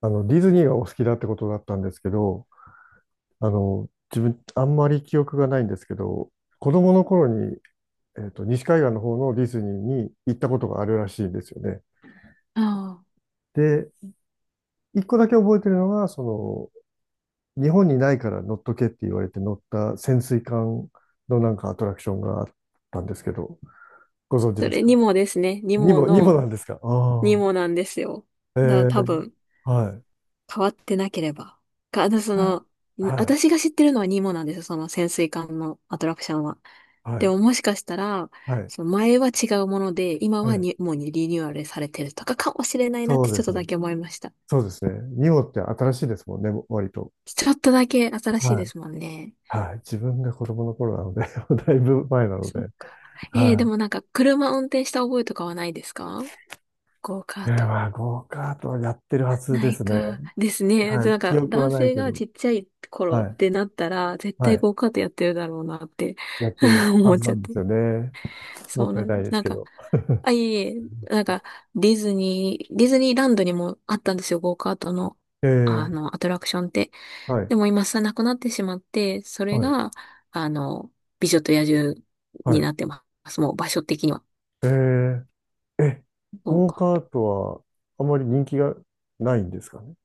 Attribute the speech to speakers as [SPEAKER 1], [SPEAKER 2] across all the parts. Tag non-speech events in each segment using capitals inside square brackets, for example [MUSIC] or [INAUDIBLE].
[SPEAKER 1] ディズニーがお好きだってことだったんですけど、自分、あんまり記憶がないんですけど、子供の頃に、西海岸の方のディズニーに行ったことがあるらしいんですよね。
[SPEAKER 2] ああ。
[SPEAKER 1] で、一個だけ覚えてるのが、日本にないから乗っとけって言われて乗った潜水艦のなんかアトラクションがあったんですけど、ご存知
[SPEAKER 2] そ
[SPEAKER 1] です
[SPEAKER 2] れ
[SPEAKER 1] か？
[SPEAKER 2] ニモですね。ニ
[SPEAKER 1] に
[SPEAKER 2] モ
[SPEAKER 1] も、にも
[SPEAKER 2] の、
[SPEAKER 1] なんですか？あ
[SPEAKER 2] ニ
[SPEAKER 1] あ、
[SPEAKER 2] モなんですよ。だから
[SPEAKER 1] え
[SPEAKER 2] 多
[SPEAKER 1] え、
[SPEAKER 2] 分、
[SPEAKER 1] はい。
[SPEAKER 2] 変わってなければ。か、あの、そ
[SPEAKER 1] あ、
[SPEAKER 2] の、ん
[SPEAKER 1] はい、
[SPEAKER 2] 私が知ってるのはニモなんですよ。その潜水艦のアトラクションは。
[SPEAKER 1] は
[SPEAKER 2] で
[SPEAKER 1] い、
[SPEAKER 2] ももしかしたら、
[SPEAKER 1] はい、
[SPEAKER 2] その前は違うもので、今
[SPEAKER 1] は
[SPEAKER 2] は
[SPEAKER 1] い。
[SPEAKER 2] ニモにリニューアルされてるとかかもしれないなっ
[SPEAKER 1] そ
[SPEAKER 2] て
[SPEAKER 1] う
[SPEAKER 2] ちょ
[SPEAKER 1] で
[SPEAKER 2] っ
[SPEAKER 1] す
[SPEAKER 2] と
[SPEAKER 1] ね。
[SPEAKER 2] だけ思いました。
[SPEAKER 1] そうですね。ニオって新しいですもんね、割と。
[SPEAKER 2] ちょっとだけ新しい
[SPEAKER 1] は
[SPEAKER 2] で
[SPEAKER 1] い。
[SPEAKER 2] すもんね。
[SPEAKER 1] はい。自分が子供の頃なので [LAUGHS] だいぶ前なの
[SPEAKER 2] そう
[SPEAKER 1] で。
[SPEAKER 2] か。で
[SPEAKER 1] は
[SPEAKER 2] もなんか車運転した覚えとかはないですか？ゴーカ
[SPEAKER 1] い。
[SPEAKER 2] ート。
[SPEAKER 1] まあ、ゴーカートはやってるはず
[SPEAKER 2] な
[SPEAKER 1] で
[SPEAKER 2] い
[SPEAKER 1] すね。
[SPEAKER 2] か。ですね。
[SPEAKER 1] はい。
[SPEAKER 2] なん
[SPEAKER 1] 記
[SPEAKER 2] か、
[SPEAKER 1] 憶は
[SPEAKER 2] 男
[SPEAKER 1] ない
[SPEAKER 2] 性
[SPEAKER 1] け
[SPEAKER 2] が
[SPEAKER 1] ど。
[SPEAKER 2] ちっちゃい頃っ
[SPEAKER 1] はい。
[SPEAKER 2] てなったら、絶
[SPEAKER 1] は
[SPEAKER 2] 対
[SPEAKER 1] い。
[SPEAKER 2] ゴーカートやってるだろうなって
[SPEAKER 1] やって
[SPEAKER 2] [LAUGHS]
[SPEAKER 1] るは
[SPEAKER 2] 思っ
[SPEAKER 1] ず
[SPEAKER 2] ち
[SPEAKER 1] な
[SPEAKER 2] ゃっ
[SPEAKER 1] んで
[SPEAKER 2] て。
[SPEAKER 1] すよね。も
[SPEAKER 2] そ
[SPEAKER 1] っ
[SPEAKER 2] う
[SPEAKER 1] た
[SPEAKER 2] な
[SPEAKER 1] い
[SPEAKER 2] の。
[SPEAKER 1] ないですけど。
[SPEAKER 2] あ、いえいえ、なんか、ディズニーランドにもあったんですよ、ゴーカートの、
[SPEAKER 1] えー、
[SPEAKER 2] アトラクションって。
[SPEAKER 1] はい。
[SPEAKER 2] でも今さ、なくなってしまって、それ
[SPEAKER 1] はい。
[SPEAKER 2] が、あの、美女と野獣
[SPEAKER 1] は
[SPEAKER 2] に
[SPEAKER 1] い。
[SPEAKER 2] なってます。もう場所的には。
[SPEAKER 1] えー、え、
[SPEAKER 2] ゴー
[SPEAKER 1] ゴー
[SPEAKER 2] カ
[SPEAKER 1] カ
[SPEAKER 2] ー
[SPEAKER 1] ートはあまり人気がないんですかね？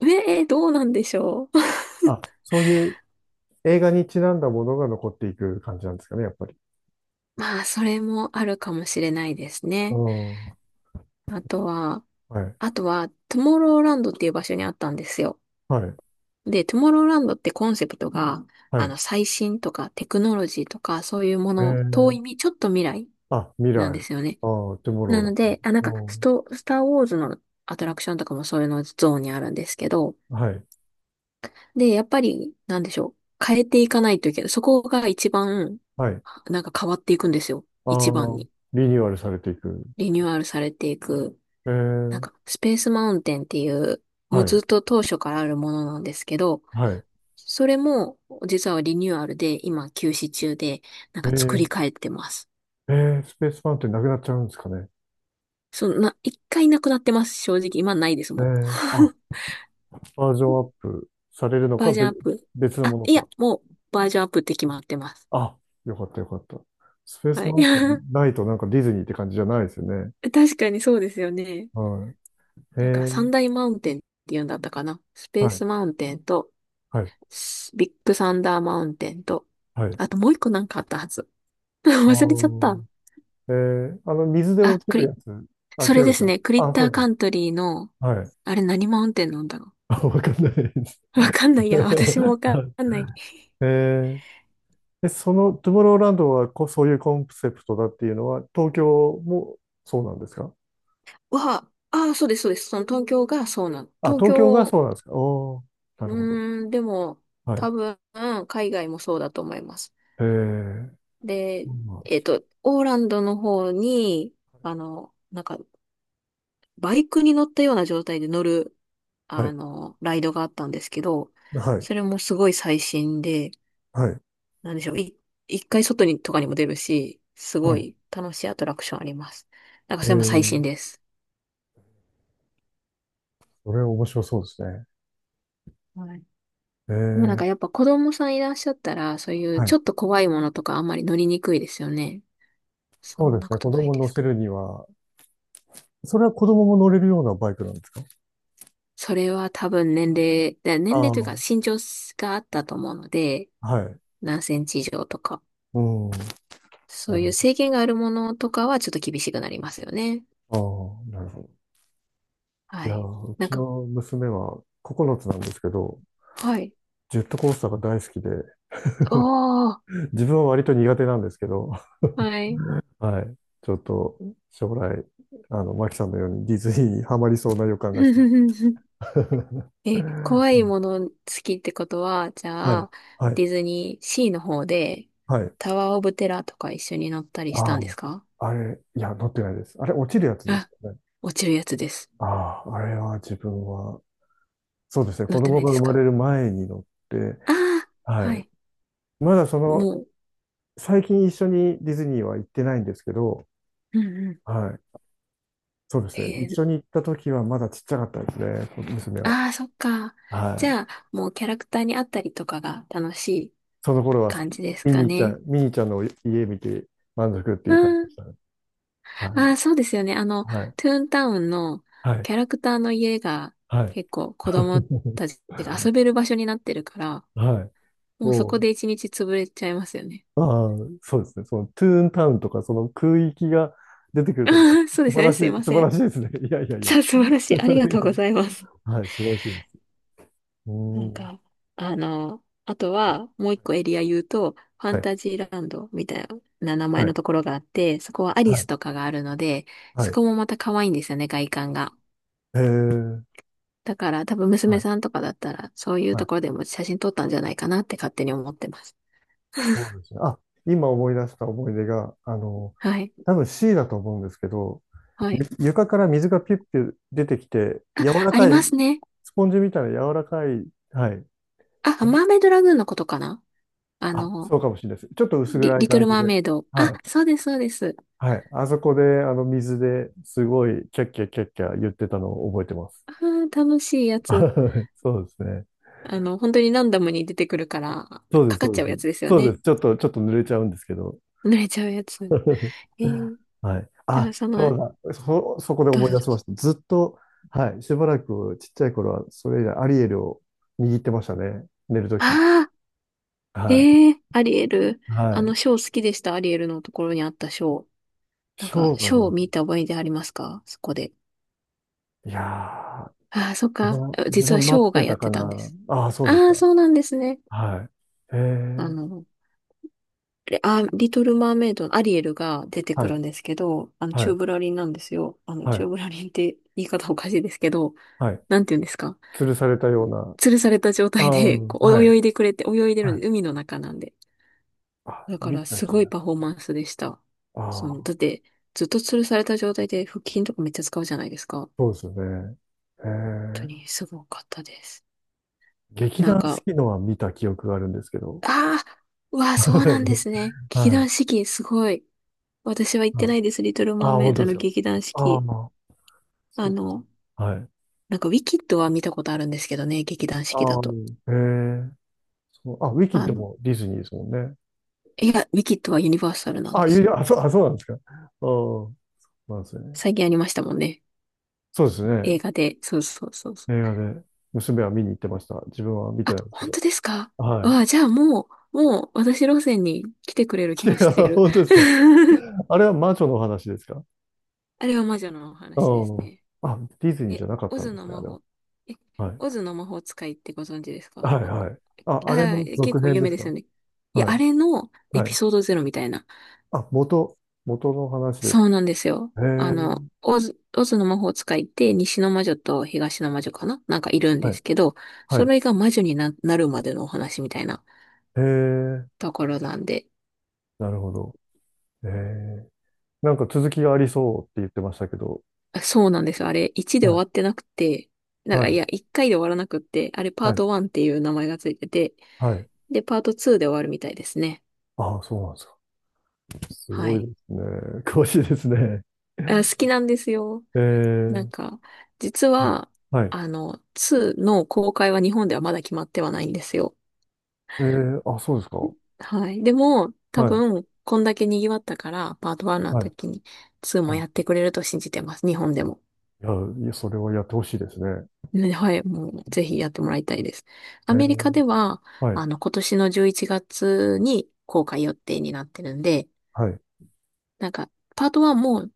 [SPEAKER 2] ト。どうなんでしょう。[LAUGHS]
[SPEAKER 1] あ、そういう映画にちなんだものが残っていく感じなんですかね、やっぱり。
[SPEAKER 2] まあ、それもあるかもしれないです
[SPEAKER 1] う
[SPEAKER 2] ね。
[SPEAKER 1] ん。
[SPEAKER 2] あとは、
[SPEAKER 1] はい。
[SPEAKER 2] あとは、トゥモローランドっていう場所にあったんですよ。
[SPEAKER 1] はい、
[SPEAKER 2] で、トゥモローランドってコンセプトが、
[SPEAKER 1] はい。
[SPEAKER 2] 最新とかテクノロジーとか、そういうも
[SPEAKER 1] え
[SPEAKER 2] の、
[SPEAKER 1] ー、
[SPEAKER 2] 遠いみ、ちょっと未来
[SPEAKER 1] あ、未来。
[SPEAKER 2] なんですよね。
[SPEAKER 1] あー、トゥモロー、
[SPEAKER 2] な
[SPEAKER 1] だ
[SPEAKER 2] の
[SPEAKER 1] か
[SPEAKER 2] で、あ、なん
[SPEAKER 1] ら。
[SPEAKER 2] か、
[SPEAKER 1] うん、
[SPEAKER 2] スターウォーズのアトラクションとかもそういうのゾーンにあるんですけど、
[SPEAKER 1] はい、
[SPEAKER 2] で、やっぱり、なんでしょう。変えていかないといけない。そこが一番、
[SPEAKER 1] はい。
[SPEAKER 2] なんか変わっていくんですよ。
[SPEAKER 1] あ
[SPEAKER 2] 一番
[SPEAKER 1] ー、
[SPEAKER 2] に。
[SPEAKER 1] リニューアルされていく。
[SPEAKER 2] リニューアルされていく。
[SPEAKER 1] え
[SPEAKER 2] なん
[SPEAKER 1] ー、
[SPEAKER 2] か、スペースマウンテンっていう、も
[SPEAKER 1] は
[SPEAKER 2] うず
[SPEAKER 1] い、
[SPEAKER 2] っと当初からあるものなんですけど、
[SPEAKER 1] はい。
[SPEAKER 2] それも実はリニューアルで今休止中で、なん
[SPEAKER 1] え
[SPEAKER 2] か作り
[SPEAKER 1] ー、
[SPEAKER 2] 変えてます。
[SPEAKER 1] えスペースマウンテンなくなっちゃうんですかね？
[SPEAKER 2] そんな、一回なくなってます。正直、今ないです、も
[SPEAKER 1] あ、
[SPEAKER 2] う。
[SPEAKER 1] バージョンアップされる
[SPEAKER 2] [LAUGHS]
[SPEAKER 1] の
[SPEAKER 2] バ
[SPEAKER 1] か、
[SPEAKER 2] ージョンアップ。
[SPEAKER 1] 別の
[SPEAKER 2] あ、
[SPEAKER 1] もの
[SPEAKER 2] い
[SPEAKER 1] か。
[SPEAKER 2] や、もうバージョンアップって決まってます。
[SPEAKER 1] あ、よかった、よかった。スペース
[SPEAKER 2] はい。
[SPEAKER 1] マウンテン、
[SPEAKER 2] [LAUGHS]
[SPEAKER 1] ないとなんかディズニーって感じじゃないですよね。
[SPEAKER 2] 確かにそうですよね。
[SPEAKER 1] はい。
[SPEAKER 2] なんか
[SPEAKER 1] ー、
[SPEAKER 2] 三大マウンテンって言うんだったかな。スペ
[SPEAKER 1] は
[SPEAKER 2] ー
[SPEAKER 1] い、
[SPEAKER 2] スマウンテンと、
[SPEAKER 1] はい、
[SPEAKER 2] ビッグサンダーマウンテンと、
[SPEAKER 1] はい。
[SPEAKER 2] あともう一個なんかあったはず。[LAUGHS]
[SPEAKER 1] あ
[SPEAKER 2] 忘れちゃっ
[SPEAKER 1] ー
[SPEAKER 2] た。
[SPEAKER 1] 水で
[SPEAKER 2] あ、
[SPEAKER 1] 落ち
[SPEAKER 2] ク
[SPEAKER 1] る
[SPEAKER 2] リ、
[SPEAKER 1] やつ。あ、
[SPEAKER 2] そ
[SPEAKER 1] 違
[SPEAKER 2] れで
[SPEAKER 1] う
[SPEAKER 2] す
[SPEAKER 1] か。
[SPEAKER 2] ね。クリッ
[SPEAKER 1] あ、そ
[SPEAKER 2] タ
[SPEAKER 1] う
[SPEAKER 2] ー
[SPEAKER 1] で
[SPEAKER 2] カ
[SPEAKER 1] す、
[SPEAKER 2] ントリーの、
[SPEAKER 1] はい。
[SPEAKER 2] あれ何マウンテンなんだろ
[SPEAKER 1] [LAUGHS] あ、わかんないです。
[SPEAKER 2] う。[LAUGHS] わかんない。私も
[SPEAKER 1] [LAUGHS]
[SPEAKER 2] わかんない。
[SPEAKER 1] えー、で、トゥモローランドはそういうコンセプトだっていうのは、東京もそうなんですか？
[SPEAKER 2] ああ、そうです、そうです。その東京がそうなの。
[SPEAKER 1] あ、
[SPEAKER 2] 東
[SPEAKER 1] 東京が
[SPEAKER 2] 京、
[SPEAKER 1] そうなんですか？おー、なるほど。
[SPEAKER 2] でも、
[SPEAKER 1] は
[SPEAKER 2] 多
[SPEAKER 1] い。
[SPEAKER 2] 分、海外もそうだと思います。
[SPEAKER 1] えー、
[SPEAKER 2] で、
[SPEAKER 1] そうなんで
[SPEAKER 2] えっ
[SPEAKER 1] す。
[SPEAKER 2] と、オーランドの方に、なんか、バイクに乗ったような状態で乗る、
[SPEAKER 1] はい。
[SPEAKER 2] ライドがあったんですけど、
[SPEAKER 1] はい。
[SPEAKER 2] それもすごい最新で、
[SPEAKER 1] はい。
[SPEAKER 2] なんでしょう。一回外にとかにも出るし、す
[SPEAKER 1] は
[SPEAKER 2] ご
[SPEAKER 1] い。
[SPEAKER 2] い楽しいアトラクションあります。なんか
[SPEAKER 1] え
[SPEAKER 2] それも最
[SPEAKER 1] ー、
[SPEAKER 2] 新です。
[SPEAKER 1] それ面白そうですね。
[SPEAKER 2] はい。
[SPEAKER 1] え
[SPEAKER 2] でもなん
[SPEAKER 1] ー、
[SPEAKER 2] かやっぱ子供さんいらっしゃったら、そういう
[SPEAKER 1] は
[SPEAKER 2] ちょ
[SPEAKER 1] い。
[SPEAKER 2] っと怖いものとかあんまり乗りにくいですよね。そ
[SPEAKER 1] そう
[SPEAKER 2] ん
[SPEAKER 1] で
[SPEAKER 2] な
[SPEAKER 1] すね。
[SPEAKER 2] こと
[SPEAKER 1] 子
[SPEAKER 2] ない
[SPEAKER 1] 供
[SPEAKER 2] で
[SPEAKER 1] 乗
[SPEAKER 2] す
[SPEAKER 1] せ
[SPEAKER 2] か？
[SPEAKER 1] るには、それは子供も乗れるようなバイクなんですか？
[SPEAKER 2] それは多分年
[SPEAKER 1] あ
[SPEAKER 2] 齢
[SPEAKER 1] あ
[SPEAKER 2] というか
[SPEAKER 1] ー、
[SPEAKER 2] 身長があったと思うので、
[SPEAKER 1] はい。
[SPEAKER 2] 何センチ以上とか、
[SPEAKER 1] うん。
[SPEAKER 2] そ
[SPEAKER 1] な
[SPEAKER 2] う
[SPEAKER 1] る
[SPEAKER 2] いう制限があるものとかはちょっと厳しくなりますよね。
[SPEAKER 1] ほど。ああ、なるほど。い
[SPEAKER 2] は
[SPEAKER 1] や
[SPEAKER 2] い。
[SPEAKER 1] ー、う
[SPEAKER 2] なん
[SPEAKER 1] ち
[SPEAKER 2] か、
[SPEAKER 1] の娘は9つなんですけど、
[SPEAKER 2] はい。
[SPEAKER 1] ジェットコースターが大好きで、
[SPEAKER 2] おー、
[SPEAKER 1] 自分は割と苦手なんですけど、
[SPEAKER 2] はい。
[SPEAKER 1] [LAUGHS] はい。ちょっと将来、マキさんのようにディズニーにハマりそうな予感がしま
[SPEAKER 2] [LAUGHS]
[SPEAKER 1] す。[LAUGHS] う
[SPEAKER 2] え、怖い
[SPEAKER 1] ん、
[SPEAKER 2] もの好きってことは、じ
[SPEAKER 1] は
[SPEAKER 2] ゃ
[SPEAKER 1] い、
[SPEAKER 2] あ、
[SPEAKER 1] はい、
[SPEAKER 2] ディズニーシーの方で、
[SPEAKER 1] はい。
[SPEAKER 2] タワーオブテラーとか一緒に乗ったりし
[SPEAKER 1] あ
[SPEAKER 2] たん
[SPEAKER 1] あ、
[SPEAKER 2] ですか？
[SPEAKER 1] あれ、いや、乗ってないです。あれ、落ちるやつです
[SPEAKER 2] あ、
[SPEAKER 1] よね。
[SPEAKER 2] 落ちるやつです。
[SPEAKER 1] ああ、あれは自分は、そうですね、
[SPEAKER 2] 乗
[SPEAKER 1] 子
[SPEAKER 2] って
[SPEAKER 1] 供
[SPEAKER 2] ない
[SPEAKER 1] が
[SPEAKER 2] で
[SPEAKER 1] 生
[SPEAKER 2] す
[SPEAKER 1] ま
[SPEAKER 2] か？
[SPEAKER 1] れる前に乗って、
[SPEAKER 2] ああ
[SPEAKER 1] は
[SPEAKER 2] ー、は
[SPEAKER 1] い。
[SPEAKER 2] い。
[SPEAKER 1] まだ
[SPEAKER 2] もう、
[SPEAKER 1] 最近一緒にディズニーは行ってないんですけど、
[SPEAKER 2] うんうん。
[SPEAKER 1] はい。そうですね。
[SPEAKER 2] え
[SPEAKER 1] 一
[SPEAKER 2] ー、
[SPEAKER 1] 緒に行った時はまだちっちゃかったですね、こ娘は。
[SPEAKER 2] ああ、そっか。
[SPEAKER 1] は
[SPEAKER 2] じ
[SPEAKER 1] い。
[SPEAKER 2] ゃあ、もうキャラクターに会ったりとかが楽しい
[SPEAKER 1] その頃は
[SPEAKER 2] 感じです
[SPEAKER 1] ミ
[SPEAKER 2] か
[SPEAKER 1] ニーちゃ
[SPEAKER 2] ね。
[SPEAKER 1] ん、ミニーちゃんの家見て満足ってい
[SPEAKER 2] う
[SPEAKER 1] う感じで
[SPEAKER 2] ん。
[SPEAKER 1] したね。は
[SPEAKER 2] ああ、そうですよね。あの、
[SPEAKER 1] い。はい。
[SPEAKER 2] トゥーンタウンの
[SPEAKER 1] はい。
[SPEAKER 2] キャラクターの家が
[SPEAKER 1] はい。
[SPEAKER 2] 結構子供
[SPEAKER 1] [LAUGHS]
[SPEAKER 2] たちが遊べる場所になってるから、
[SPEAKER 1] はい。
[SPEAKER 2] もうそ
[SPEAKER 1] も
[SPEAKER 2] こで一日潰れちゃいますよね。
[SPEAKER 1] う、ああ、そうですね。そのトゥーンタウンとか、その空域が出てく
[SPEAKER 2] [LAUGHS]
[SPEAKER 1] るところは
[SPEAKER 2] ああ、そうですよね。
[SPEAKER 1] 素
[SPEAKER 2] すい
[SPEAKER 1] 晴らしい、
[SPEAKER 2] ま
[SPEAKER 1] 素晴
[SPEAKER 2] せ
[SPEAKER 1] ら
[SPEAKER 2] ん。
[SPEAKER 1] しいですね。[LAUGHS] いやいやいや。
[SPEAKER 2] さあ、素晴らしい。ありがとうございます。
[SPEAKER 1] [LAUGHS] はい、素晴らしいです。う
[SPEAKER 2] なん
[SPEAKER 1] ん。
[SPEAKER 2] か、あの、あとはもう一個エリア言うと、ファ
[SPEAKER 1] は
[SPEAKER 2] ン
[SPEAKER 1] い。
[SPEAKER 2] タジーランドみたいな名
[SPEAKER 1] は
[SPEAKER 2] 前
[SPEAKER 1] い。
[SPEAKER 2] のところがあって、そこはア
[SPEAKER 1] は
[SPEAKER 2] リ
[SPEAKER 1] い。は
[SPEAKER 2] ス
[SPEAKER 1] い。
[SPEAKER 2] とかがあるので、
[SPEAKER 1] は
[SPEAKER 2] そ
[SPEAKER 1] い。
[SPEAKER 2] こもまた可愛いんですよね、外観が。
[SPEAKER 1] へえ、
[SPEAKER 2] だから多分
[SPEAKER 1] は
[SPEAKER 2] 娘
[SPEAKER 1] い、
[SPEAKER 2] さんとかだったら、そういう
[SPEAKER 1] は
[SPEAKER 2] と
[SPEAKER 1] い。
[SPEAKER 2] ころでも写真撮ったんじゃないかなって勝手に思ってます。
[SPEAKER 1] そうですね。あ、今思い出した思い出が、
[SPEAKER 2] はい。
[SPEAKER 1] 多分 C だと思うんですけど、
[SPEAKER 2] は
[SPEAKER 1] ゆ
[SPEAKER 2] い。
[SPEAKER 1] 床から水がピュッピュ出てきて、柔ら
[SPEAKER 2] あり
[SPEAKER 1] か
[SPEAKER 2] ま
[SPEAKER 1] い、
[SPEAKER 2] すね。
[SPEAKER 1] スポンジみたいな柔らかい、はい。
[SPEAKER 2] あ、マーメイドラグーンのことかな？あ
[SPEAKER 1] あ、
[SPEAKER 2] の、
[SPEAKER 1] そうかもしれないです。ちょっと薄
[SPEAKER 2] リ、
[SPEAKER 1] 暗い
[SPEAKER 2] リト
[SPEAKER 1] 感
[SPEAKER 2] ル・
[SPEAKER 1] じ
[SPEAKER 2] マー
[SPEAKER 1] で。
[SPEAKER 2] メイド。あ、
[SPEAKER 1] はい。
[SPEAKER 2] そうです、そうです。
[SPEAKER 1] はい。あそこで、水ですごい、キャッキャキャッキャ言ってたのを覚えてます。
[SPEAKER 2] あー、楽しいや
[SPEAKER 1] [LAUGHS] あ、
[SPEAKER 2] つ。
[SPEAKER 1] はい、そうですね。
[SPEAKER 2] あの、本当にランダムに出てくるから、
[SPEAKER 1] そうで
[SPEAKER 2] か
[SPEAKER 1] す、
[SPEAKER 2] かっ
[SPEAKER 1] そう
[SPEAKER 2] ち
[SPEAKER 1] で
[SPEAKER 2] ゃうや
[SPEAKER 1] す。
[SPEAKER 2] つですよ
[SPEAKER 1] そうで
[SPEAKER 2] ね。
[SPEAKER 1] す。ちょっと、ちょっと濡れちゃうんですけど。
[SPEAKER 2] 濡れちゃうやつ。
[SPEAKER 1] [LAUGHS]
[SPEAKER 2] えー、
[SPEAKER 1] はい。
[SPEAKER 2] だから
[SPEAKER 1] あ、
[SPEAKER 2] その、
[SPEAKER 1] そうだ。そこで
[SPEAKER 2] どうぞ
[SPEAKER 1] 思い
[SPEAKER 2] どう
[SPEAKER 1] 出
[SPEAKER 2] ぞ。
[SPEAKER 1] しました。ずっと、はい。しばらくちっちゃい頃は、それ以来アリエルを握ってましたね。寝るとき。
[SPEAKER 2] ああ、
[SPEAKER 1] はい。
[SPEAKER 2] ええアリエル。
[SPEAKER 1] は
[SPEAKER 2] あ
[SPEAKER 1] い。
[SPEAKER 2] の、ショー好きでした、アリエルのところにあったショー。なん
[SPEAKER 1] シ
[SPEAKER 2] か、
[SPEAKER 1] ョーがあ
[SPEAKER 2] シ
[SPEAKER 1] り
[SPEAKER 2] ョー
[SPEAKER 1] ま
[SPEAKER 2] を見
[SPEAKER 1] す？
[SPEAKER 2] た覚えでありますか？そこで。
[SPEAKER 1] いやー、
[SPEAKER 2] ああ、そっ
[SPEAKER 1] 自
[SPEAKER 2] か。
[SPEAKER 1] 分、自
[SPEAKER 2] 実は
[SPEAKER 1] 分
[SPEAKER 2] シ
[SPEAKER 1] 待っ
[SPEAKER 2] ョーが
[SPEAKER 1] て
[SPEAKER 2] や
[SPEAKER 1] た
[SPEAKER 2] っ
[SPEAKER 1] か
[SPEAKER 2] てたんで
[SPEAKER 1] な。
[SPEAKER 2] す。
[SPEAKER 1] ああ、そうです
[SPEAKER 2] ああ、
[SPEAKER 1] か。
[SPEAKER 2] そうなんですね。
[SPEAKER 1] はい。へ
[SPEAKER 2] あ
[SPEAKER 1] え、
[SPEAKER 2] の、リトル・マーメイドのアリエルが出て
[SPEAKER 1] は
[SPEAKER 2] く
[SPEAKER 1] い、
[SPEAKER 2] るんですけど、チ
[SPEAKER 1] は
[SPEAKER 2] ュー
[SPEAKER 1] い、
[SPEAKER 2] ブラリンなんですよ。あの、
[SPEAKER 1] は
[SPEAKER 2] チュー
[SPEAKER 1] い、
[SPEAKER 2] ブラリンって言い方おかしいですけど、
[SPEAKER 1] はい。
[SPEAKER 2] なんて言うんですか。
[SPEAKER 1] 吊るされたような。
[SPEAKER 2] 吊るされた状
[SPEAKER 1] あ
[SPEAKER 2] 態
[SPEAKER 1] あ、
[SPEAKER 2] で、こ
[SPEAKER 1] は
[SPEAKER 2] う、
[SPEAKER 1] い、
[SPEAKER 2] 泳いでくれて、泳いでる
[SPEAKER 1] は
[SPEAKER 2] ん
[SPEAKER 1] い。
[SPEAKER 2] で、海の中なんで。
[SPEAKER 1] あ、
[SPEAKER 2] だか
[SPEAKER 1] 見
[SPEAKER 2] ら、
[SPEAKER 1] た
[SPEAKER 2] す
[SPEAKER 1] 気
[SPEAKER 2] ごい
[SPEAKER 1] が。
[SPEAKER 2] パフォーマンスでした。
[SPEAKER 1] あ
[SPEAKER 2] その、だっ
[SPEAKER 1] あ、
[SPEAKER 2] て、ずっと吊るされた状態で腹筋とかめっちゃ使うじゃないですか。本
[SPEAKER 1] そうですよね。へ
[SPEAKER 2] 当
[SPEAKER 1] え、
[SPEAKER 2] にすごかったです。
[SPEAKER 1] 劇
[SPEAKER 2] なん
[SPEAKER 1] 団四
[SPEAKER 2] か、
[SPEAKER 1] 季のは見た記憶があるんですけど。
[SPEAKER 2] ああ、うわあ、そ
[SPEAKER 1] は
[SPEAKER 2] うなんで
[SPEAKER 1] い、
[SPEAKER 2] すね。劇
[SPEAKER 1] は
[SPEAKER 2] 団四季、すごい。私は行
[SPEAKER 1] い。
[SPEAKER 2] って
[SPEAKER 1] は
[SPEAKER 2] な
[SPEAKER 1] い。
[SPEAKER 2] いです。リトルマー
[SPEAKER 1] ああ、
[SPEAKER 2] メイ
[SPEAKER 1] 本当
[SPEAKER 2] ド
[SPEAKER 1] です
[SPEAKER 2] の
[SPEAKER 1] か？
[SPEAKER 2] 劇団四
[SPEAKER 1] ああ、
[SPEAKER 2] 季。あ
[SPEAKER 1] そう。
[SPEAKER 2] の、
[SPEAKER 1] はい。
[SPEAKER 2] なんかウィキッドは見たことあるんですけどね、劇団四季だ
[SPEAKER 1] ああ、
[SPEAKER 2] と。
[SPEAKER 1] へえ、そう。あ、ウィキッ
[SPEAKER 2] あ
[SPEAKER 1] ド
[SPEAKER 2] の、
[SPEAKER 1] もディズニーですもんね。
[SPEAKER 2] いや、ウィキッドはユニバーサルなん
[SPEAKER 1] あ、
[SPEAKER 2] で
[SPEAKER 1] い
[SPEAKER 2] すよ。
[SPEAKER 1] や、あ、そう、あ、そうなんですか。ああ、なんですね。
[SPEAKER 2] 最近ありましたもんね。
[SPEAKER 1] そうですね。
[SPEAKER 2] 映画で。そうそうそうそう。
[SPEAKER 1] 映画で、娘は見に行ってました。自分は見て
[SPEAKER 2] あ、
[SPEAKER 1] ないんですけ
[SPEAKER 2] 本
[SPEAKER 1] ど。
[SPEAKER 2] 当ですか？
[SPEAKER 1] は
[SPEAKER 2] わあ、じゃあもう私路線に来てくれ
[SPEAKER 1] い。
[SPEAKER 2] る気
[SPEAKER 1] [LAUGHS] い
[SPEAKER 2] がし
[SPEAKER 1] や、
[SPEAKER 2] てる。
[SPEAKER 1] 本当ですか？
[SPEAKER 2] [LAUGHS]
[SPEAKER 1] あれは魔女のお話ですか？
[SPEAKER 2] あれは魔女のお
[SPEAKER 1] あ
[SPEAKER 2] 話ですね。
[SPEAKER 1] あ、あ、ディズニー
[SPEAKER 2] え、
[SPEAKER 1] じゃなかっ
[SPEAKER 2] オ
[SPEAKER 1] たん
[SPEAKER 2] ズ
[SPEAKER 1] で
[SPEAKER 2] の
[SPEAKER 1] すね、あ
[SPEAKER 2] 魔
[SPEAKER 1] れは。
[SPEAKER 2] 法、え、
[SPEAKER 1] はい。
[SPEAKER 2] オズの魔法使いってご存知ですか？わ
[SPEAKER 1] はい、
[SPEAKER 2] あ
[SPEAKER 1] はい。あ、あれ
[SPEAKER 2] あ、
[SPEAKER 1] の
[SPEAKER 2] 結
[SPEAKER 1] 続
[SPEAKER 2] 構
[SPEAKER 1] 編
[SPEAKER 2] 有
[SPEAKER 1] で
[SPEAKER 2] 名
[SPEAKER 1] す
[SPEAKER 2] で
[SPEAKER 1] か？
[SPEAKER 2] すよね。いや、
[SPEAKER 1] はい、
[SPEAKER 2] あれのエ
[SPEAKER 1] は
[SPEAKER 2] ピ
[SPEAKER 1] い。
[SPEAKER 2] ソードゼロみたいな。
[SPEAKER 1] あ、元の話です
[SPEAKER 2] そうなんですよ。
[SPEAKER 1] か？へ
[SPEAKER 2] あの、
[SPEAKER 1] え、
[SPEAKER 2] オズの魔法使いって西の魔女と東の魔女かななんかいるん
[SPEAKER 1] は
[SPEAKER 2] で
[SPEAKER 1] い。
[SPEAKER 2] すけど、
[SPEAKER 1] は
[SPEAKER 2] そ
[SPEAKER 1] い。
[SPEAKER 2] れが魔女にな、なるまでのお話みたいな
[SPEAKER 1] へえ、
[SPEAKER 2] ところなんで。
[SPEAKER 1] なるほど。へえ。なんか続きがありそうって言ってましたけど。
[SPEAKER 2] あ、そうなんですよ。あれ1で終
[SPEAKER 1] はい。
[SPEAKER 2] わってなくて、
[SPEAKER 1] はい。
[SPEAKER 2] 1回で終わらなくって、あれパ
[SPEAKER 1] は
[SPEAKER 2] ー
[SPEAKER 1] い。
[SPEAKER 2] ト1っていう名前がついてて、
[SPEAKER 1] はい。
[SPEAKER 2] で、パート2で終わるみたいですね。
[SPEAKER 1] ああ、そうなんですか。す
[SPEAKER 2] は
[SPEAKER 1] ごいで
[SPEAKER 2] い。
[SPEAKER 1] すね。[LAUGHS] 詳しいですね。
[SPEAKER 2] あ、好きなんですよ。
[SPEAKER 1] え
[SPEAKER 2] なん
[SPEAKER 1] え、
[SPEAKER 2] か、実
[SPEAKER 1] うん、
[SPEAKER 2] は、
[SPEAKER 1] はい。
[SPEAKER 2] あの、2の公開は日本ではまだ決まってはないんですよ。
[SPEAKER 1] ええ、あ、そうですか。は
[SPEAKER 2] はい。でも、多
[SPEAKER 1] い。
[SPEAKER 2] 分、こんだけ賑わったから、パート1の
[SPEAKER 1] はい。
[SPEAKER 2] 時に2も
[SPEAKER 1] は
[SPEAKER 2] やってくれると信じてます。日本でも。
[SPEAKER 1] い。いや、いや、それはやってほしいですね。
[SPEAKER 2] ね。はい、もう、ぜひやってもらいたいです。
[SPEAKER 1] え
[SPEAKER 2] アメリカ
[SPEAKER 1] え、
[SPEAKER 2] では、
[SPEAKER 1] はい。
[SPEAKER 2] あの、今年の11月に公開予定になってるんで、
[SPEAKER 1] はい。
[SPEAKER 2] なんか、パート1も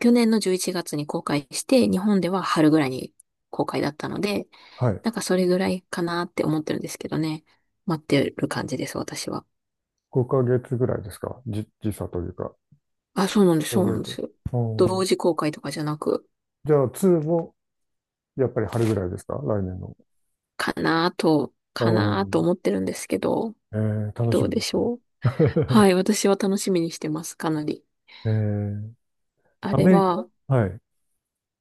[SPEAKER 2] 去年の11月に公開して、日本では春ぐらいに公開だったので、
[SPEAKER 1] はい。
[SPEAKER 2] なんかそれぐらいかなって思ってるんですけどね。待ってる感じです、私は。
[SPEAKER 1] 5ヶ月ぐらいですか？時差というか。
[SPEAKER 2] あ、そうなんです、そうな
[SPEAKER 1] 5
[SPEAKER 2] んで
[SPEAKER 1] ヶ月。
[SPEAKER 2] すよ。
[SPEAKER 1] う
[SPEAKER 2] 同
[SPEAKER 1] ん。
[SPEAKER 2] 時公開とかじゃなく、
[SPEAKER 1] じゃあ、2もやっぱり春ぐらいですか？来年の。う
[SPEAKER 2] かなと
[SPEAKER 1] ん
[SPEAKER 2] 思ってるんですけど、
[SPEAKER 1] えー、楽し
[SPEAKER 2] どう
[SPEAKER 1] み
[SPEAKER 2] で
[SPEAKER 1] で
[SPEAKER 2] し
[SPEAKER 1] すね。
[SPEAKER 2] ょう。は
[SPEAKER 1] [LAUGHS]
[SPEAKER 2] い、私は楽しみにしてます、かなり。
[SPEAKER 1] えー、
[SPEAKER 2] あ
[SPEAKER 1] ア
[SPEAKER 2] れ
[SPEAKER 1] メリカ、
[SPEAKER 2] は、
[SPEAKER 1] はい。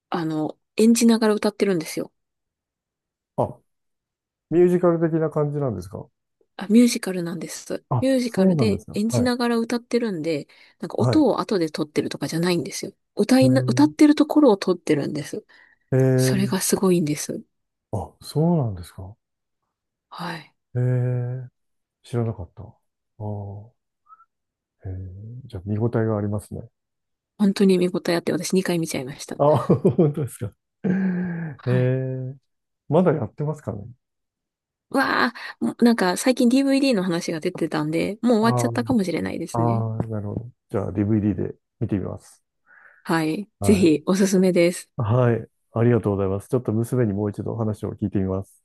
[SPEAKER 2] あの、演じながら歌ってるんですよ。
[SPEAKER 1] あ、ミュージカル的な感じなんですか？
[SPEAKER 2] あ、ミュージカルなんです。
[SPEAKER 1] あ、
[SPEAKER 2] ミュージカ
[SPEAKER 1] そう
[SPEAKER 2] ル
[SPEAKER 1] なんで
[SPEAKER 2] で
[SPEAKER 1] すか。
[SPEAKER 2] 演
[SPEAKER 1] は
[SPEAKER 2] じ
[SPEAKER 1] い。
[SPEAKER 2] ながら歌ってるんで、なんか
[SPEAKER 1] はい。
[SPEAKER 2] 音を後で撮ってるとかじゃないんですよ。歌
[SPEAKER 1] え
[SPEAKER 2] いな、
[SPEAKER 1] ー、
[SPEAKER 2] 歌ってるところを撮ってるんです。
[SPEAKER 1] え
[SPEAKER 2] それ
[SPEAKER 1] ー
[SPEAKER 2] がすごいんです。
[SPEAKER 1] あ、そうなんですか。
[SPEAKER 2] はい。
[SPEAKER 1] えー、知らなかった。ああ、じゃあ見応えがありますね。
[SPEAKER 2] 本当に見応えあって、私2回見ちゃいました。
[SPEAKER 1] あ、[LAUGHS] 本当ですか？[LAUGHS] え
[SPEAKER 2] はい。
[SPEAKER 1] ー、まだやってますかね？
[SPEAKER 2] うわー、もうなんか最近 DVD の話が出てたんで、もう終
[SPEAKER 1] あ
[SPEAKER 2] わっちゃったか
[SPEAKER 1] ー
[SPEAKER 2] もしれないですね。
[SPEAKER 1] あー、なるほど。じゃあ DVD で見てみます。
[SPEAKER 2] はい。ぜひ、
[SPEAKER 1] は
[SPEAKER 2] おすすめです。
[SPEAKER 1] い。はい。ありがとうございます。ちょっと娘にもう一度話を聞いてみます。